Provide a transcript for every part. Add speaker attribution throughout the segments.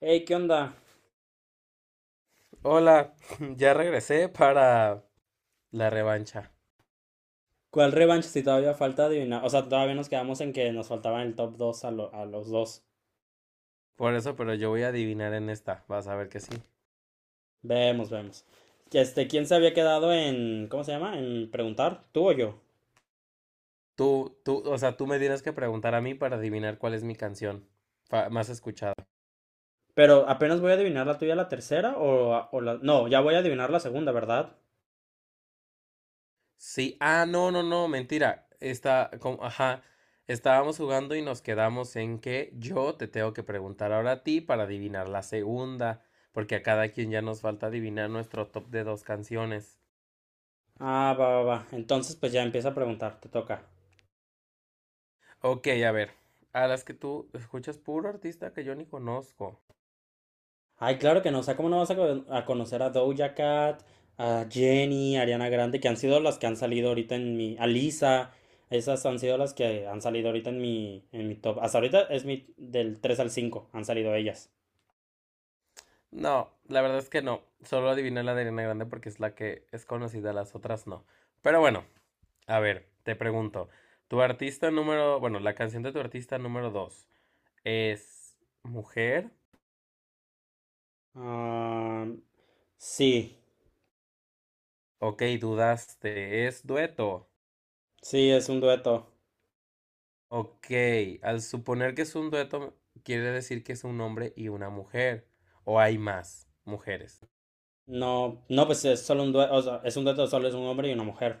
Speaker 1: Hey, ¿qué onda?
Speaker 2: Hola, ya regresé para la revancha.
Speaker 1: ¿Cuál revancha si todavía falta adivinar? O sea, todavía nos quedamos en que nos faltaban el top 2 a los dos.
Speaker 2: Por eso, pero yo voy a adivinar en esta. Vas a ver que sí.
Speaker 1: Vemos, vemos. ¿Quién se había quedado en, ¿cómo se llama?, en preguntar, tú o yo?
Speaker 2: Tú, o sea, tú me tienes que preguntar a mí para adivinar cuál es mi canción más escuchada.
Speaker 1: Pero apenas voy a adivinar la tuya, la tercera o. No, ya voy a adivinar la segunda, ¿verdad?
Speaker 2: Sí, no, no, no, mentira. Está, como, ajá, estábamos jugando y nos quedamos en que yo te tengo que preguntar ahora a ti para adivinar la segunda, porque a cada quien ya nos falta adivinar nuestro top de dos canciones.
Speaker 1: Ah, va, va, va. Entonces, pues ya empieza a preguntar, te toca.
Speaker 2: Ok, a ver, a las que tú escuchas puro artista que yo ni conozco.
Speaker 1: Ay, claro que no. O sea, ¿cómo no vas a conocer a Doja Cat, a Jenny, a Ariana Grande, que han sido las que han salido ahorita A Lisa, esas han sido las que han salido ahorita en mi top. Hasta ahorita del tres al cinco han salido ellas.
Speaker 2: No, la verdad es que no. Solo adiviné la de Ariana Grande porque es la que es conocida, las otras no. Pero bueno, a ver, te pregunto. Tu artista número, bueno, la canción de tu artista número dos es mujer.
Speaker 1: Ah, sí,
Speaker 2: Ok, dudaste, es dueto.
Speaker 1: sí, es un dueto.
Speaker 2: Ok, al suponer que es un dueto, quiere decir que es un hombre y una mujer. O hay más mujeres.
Speaker 1: No, no, pues es solo un dueto, o sea, es un dueto, solo es un hombre y una mujer.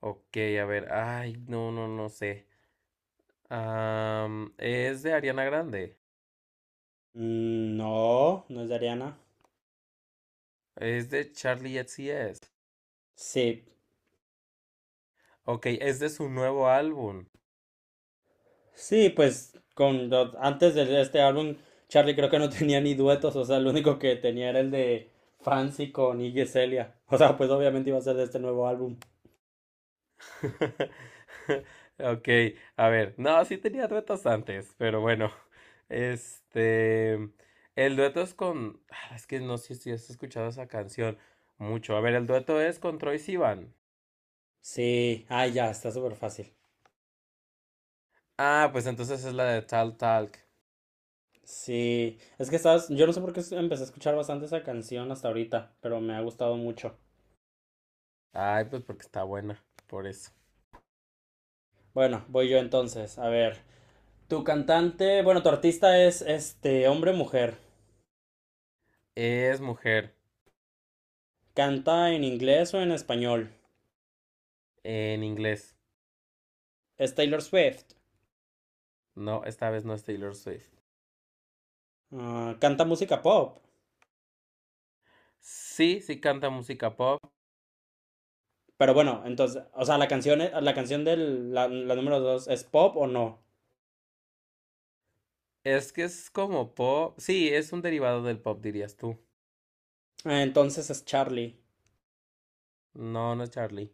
Speaker 2: Ok, a ver, ay, no, no, no sé. Es de Ariana Grande.
Speaker 1: Mm, no, no es de Ariana.
Speaker 2: Es de Charlie XCX.
Speaker 1: Sí.
Speaker 2: Ok, es de su nuevo álbum.
Speaker 1: Sí, pues antes de este álbum, Charlie creo que no tenía ni duetos, o sea, el único que tenía era el de Fancy con Iggy Celia. O sea, pues obviamente iba a ser de este nuevo álbum.
Speaker 2: Ok, a ver, no, sí tenía duetos antes, pero bueno, este, el dueto es con, es que no sé si has escuchado esa canción mucho, a ver, el dueto es con Troye Sivan.
Speaker 1: Sí, ay ya, está súper fácil.
Speaker 2: Ah, pues entonces es la de Tal Talk.
Speaker 1: Sí, es que sabes, yo no sé por qué empecé a escuchar bastante esa canción hasta ahorita, pero me ha gustado mucho.
Speaker 2: Ay, pues porque está buena, por eso.
Speaker 1: Bueno, voy yo entonces, a ver. Tu cantante, bueno, tu artista, ¿es hombre o mujer?
Speaker 2: Es mujer,
Speaker 1: ¿Canta en inglés o en español?
Speaker 2: en inglés.
Speaker 1: Es Taylor Swift.
Speaker 2: No, esta vez no es Taylor Swift.
Speaker 1: Ah, ¿canta música pop?
Speaker 2: Sí, sí canta música pop.
Speaker 1: Pero bueno, entonces, o sea, la canción, la canción de la número dos, ¿es pop o no?
Speaker 2: Es que es como pop. Sí, es un derivado del pop, dirías tú.
Speaker 1: Ah, entonces es Charlie.
Speaker 2: No, no es Charlie.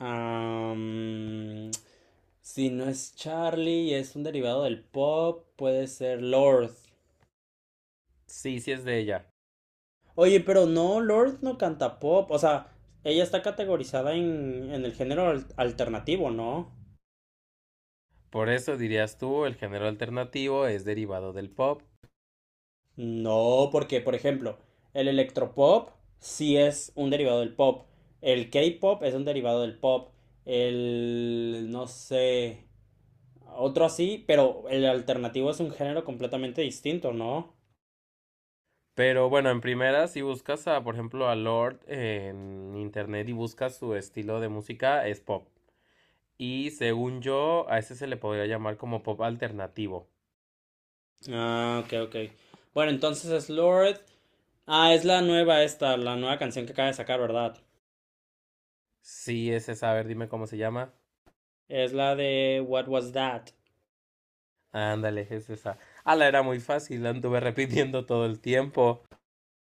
Speaker 1: Am, si no es Charlie y es un derivado del pop, puede ser Lord.
Speaker 2: Sí, sí es de ella.
Speaker 1: Oye, pero no, Lord no canta pop. O sea, ella está categorizada en el género alternativo, ¿no?
Speaker 2: Por eso dirías tú, el género alternativo es derivado del pop.
Speaker 1: No, porque, por ejemplo, el electropop sí es un derivado del pop. El K-pop es un derivado del pop. El, no sé, otro así, pero el alternativo es un género completamente distinto, ¿no?
Speaker 2: Pero bueno, en primera, si buscas a, por ejemplo, a Lord en internet y buscas su estilo de música, es pop. Y según yo, a ese se le podría llamar como pop alternativo.
Speaker 1: Ah, ok, ok. Bueno, entonces es Lord. Ah, es la nueva canción que acaba de sacar, ¿verdad?
Speaker 2: Sí, es esa. A ver, dime cómo se llama.
Speaker 1: Es la de What Was That?
Speaker 2: Ándale, es esa. Ah, la era muy fácil, la anduve repitiendo todo el tiempo.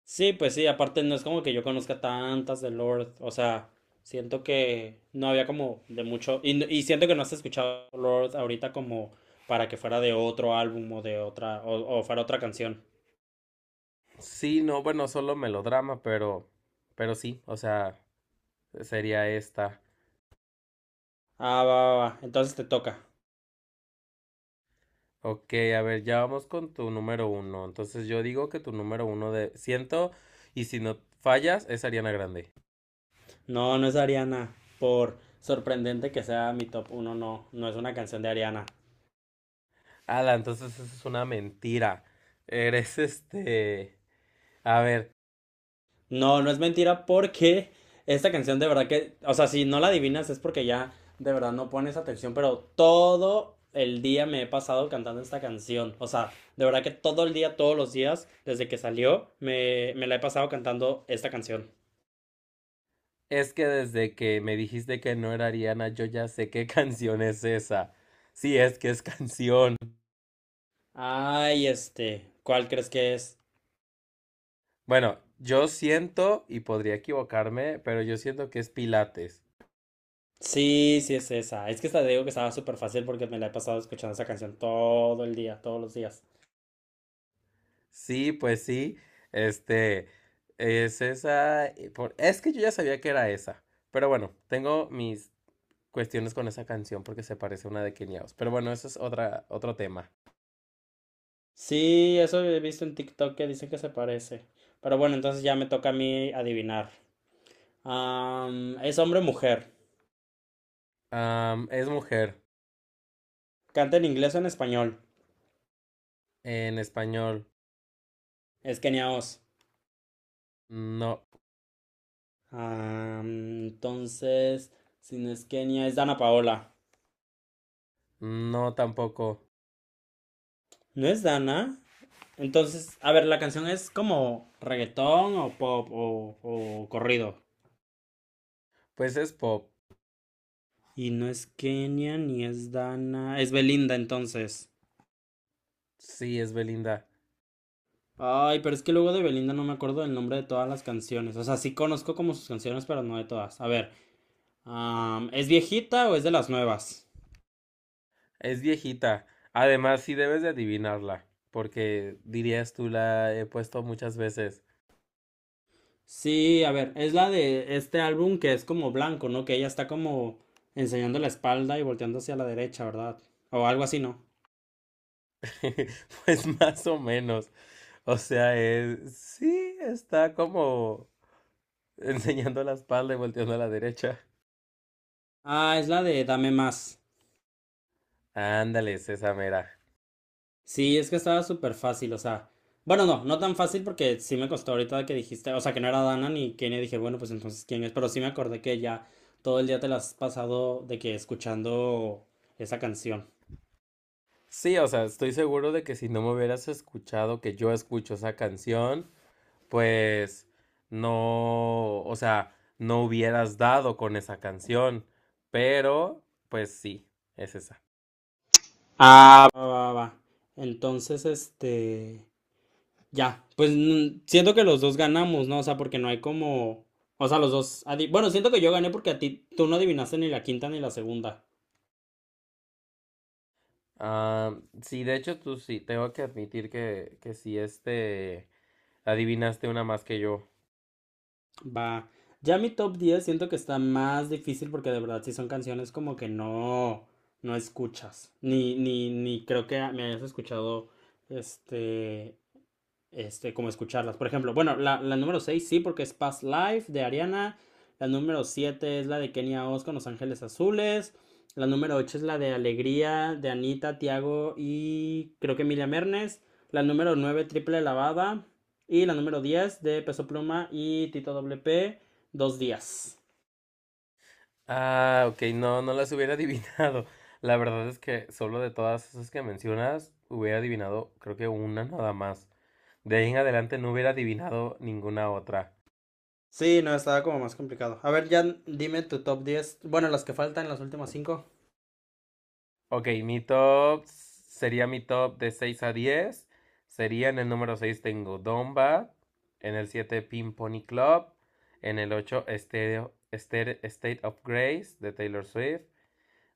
Speaker 1: Sí, pues sí, aparte no es como que yo conozca tantas de Lord, o sea, siento que no había como de mucho, y siento que no has escuchado Lord ahorita como para que fuera de otro álbum o de otra, o fuera otra canción.
Speaker 2: Sí, no, bueno, solo melodrama, pero sí, o sea, sería esta.
Speaker 1: Ah, va, va, va, entonces te toca.
Speaker 2: Ok, a ver, ya vamos con tu número uno. Entonces yo digo que tu número uno de ciento y si no fallas es Ariana Grande.
Speaker 1: No, no es de Ariana, por sorprendente que sea mi top uno, no, no es una canción de Ariana.
Speaker 2: Ala, entonces eso es una mentira. Eres. A ver,
Speaker 1: No, no es mentira porque esta canción de verdad que, o sea, si no la adivinas es porque ya de verdad no pones atención, pero todo el día me he pasado cantando esta canción. O sea, de verdad que todo el día, todos los días, desde que salió, me la he pasado cantando esta canción.
Speaker 2: es que desde que me dijiste que no era Ariana, yo ya sé qué canción es esa. Sí, es que es canción.
Speaker 1: Ay, ¿cuál crees que es?
Speaker 2: Bueno, yo siento y podría equivocarme, pero yo siento que es Pilates.
Speaker 1: Sí, sí es esa. Es que esta, te digo que estaba súper fácil porque me la he pasado escuchando esa canción todo el día, todos los días.
Speaker 2: Sí, pues sí, este, es esa, y es que yo ya sabía que era esa, pero bueno, tengo mis cuestiones con esa canción porque se parece a una de Quiniaos, pero bueno, eso es otra, otro tema.
Speaker 1: Sí, eso he visto en TikTok que dicen que se parece. Pero bueno, entonces ya me toca a mí adivinar. ¿Es hombre o mujer?
Speaker 2: Es mujer,
Speaker 1: ¿Canta en inglés o en español?
Speaker 2: en español,
Speaker 1: Es Kenia Os.
Speaker 2: no,
Speaker 1: Entonces, si no es Kenia, es Dana Paola.
Speaker 2: no tampoco,
Speaker 1: ¿No es Dana? Entonces, a ver, la canción es como reggaetón o pop o corrido.
Speaker 2: pues es pop,
Speaker 1: Y no es Kenia ni es Dana. Es Belinda entonces.
Speaker 2: sí, es Belinda,
Speaker 1: Ay, pero es que luego de Belinda no me acuerdo del nombre de todas las canciones. O sea, sí conozco como sus canciones, pero no de todas. A ver, ¿es viejita o es de las nuevas?
Speaker 2: es viejita, además sí debes de adivinarla, porque dirías tú la he puesto muchas veces.
Speaker 1: Sí, a ver, es la de este álbum que es como blanco, ¿no? Que ella está como enseñando la espalda y volteando hacia la derecha, ¿verdad? O algo así, ¿no?
Speaker 2: Pues más o menos. O sea, sí, está como enseñando la espalda y volteando a la derecha.
Speaker 1: Ah, es la de Dame Más.
Speaker 2: Ándale, es esa mera.
Speaker 1: Sí, es que estaba súper fácil, o sea, bueno, no, no tan fácil porque sí me costó ahorita que dijiste, o sea, que no era Dana ni Kenia, dije, bueno, pues entonces quién es, pero sí me acordé que ya todo el día te la has pasado de que escuchando esa canción.
Speaker 2: Sí, o sea, estoy seguro de que si no me hubieras escuchado que yo escucho esa canción, pues no, o sea, no hubieras dado con esa canción. Pero, pues sí, es esa.
Speaker 1: Ah, va, va, va. Entonces, ya, pues siento que los dos ganamos, ¿no? O sea, porque no hay como, o sea, los dos, bueno, siento que yo gané porque a ti, tú no adivinaste ni la quinta ni la segunda.
Speaker 2: Ah, sí, de hecho, tú sí, tengo que admitir que, sí, adivinaste una más que yo.
Speaker 1: Va. Ya mi top 10 siento que está más difícil porque de verdad sí son canciones como que no escuchas. Ni creo que me hayas escuchado este como escucharlas. Por ejemplo, bueno, la número 6 sí, porque es Past Life de Ariana. La número 7 es la de Kenia Oz con Los Ángeles Azules. La número 8 es la de Alegría de Anita, Tiago y creo que Emilia Mernes. La número nueve, Triple Lavada. Y la número 10 de Peso Pluma y Tito WP, Dos Días.
Speaker 2: Ah, ok, no, no las hubiera adivinado. La verdad es que solo de todas esas que mencionas, hubiera adivinado creo que una nada más. De ahí en adelante no hubiera adivinado ninguna otra.
Speaker 1: Sí, no, estaba como más complicado. A ver, ya dime tu top 10. Bueno, las que faltan, las últimas cinco.
Speaker 2: Ok, mi top sería mi top de 6 a 10. Sería en el número 6 tengo Domba, en el 7 Pin Pony Club, en el 8 State of Grace de Taylor Swift,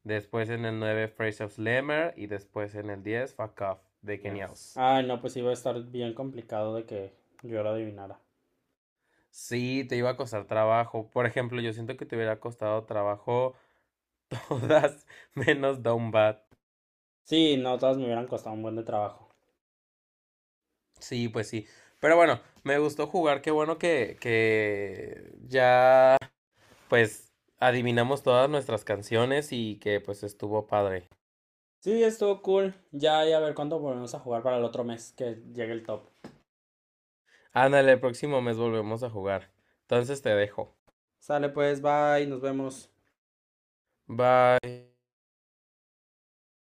Speaker 2: después en el 9 Phrase of Slammer y después en el 10 Fuck Off de Kenia
Speaker 1: Yes.
Speaker 2: Os.
Speaker 1: Ay, no, pues iba a estar bien complicado de que yo lo adivinara.
Speaker 2: Sí, te iba a costar trabajo. Por ejemplo, yo siento que te hubiera costado trabajo todas menos Down Bad.
Speaker 1: Sí, no, todas me hubieran costado un buen de trabajo.
Speaker 2: Sí, pues sí. Pero bueno, me gustó jugar. Qué bueno que, ya pues adivinamos todas nuestras canciones y que pues estuvo padre.
Speaker 1: Sí, estuvo cool. Ya, ya a ver cuándo volvemos a jugar para el otro mes que llegue el top.
Speaker 2: Ándale, el próximo mes volvemos a jugar. Entonces te dejo.
Speaker 1: Sale pues, bye, nos vemos.
Speaker 2: Bye.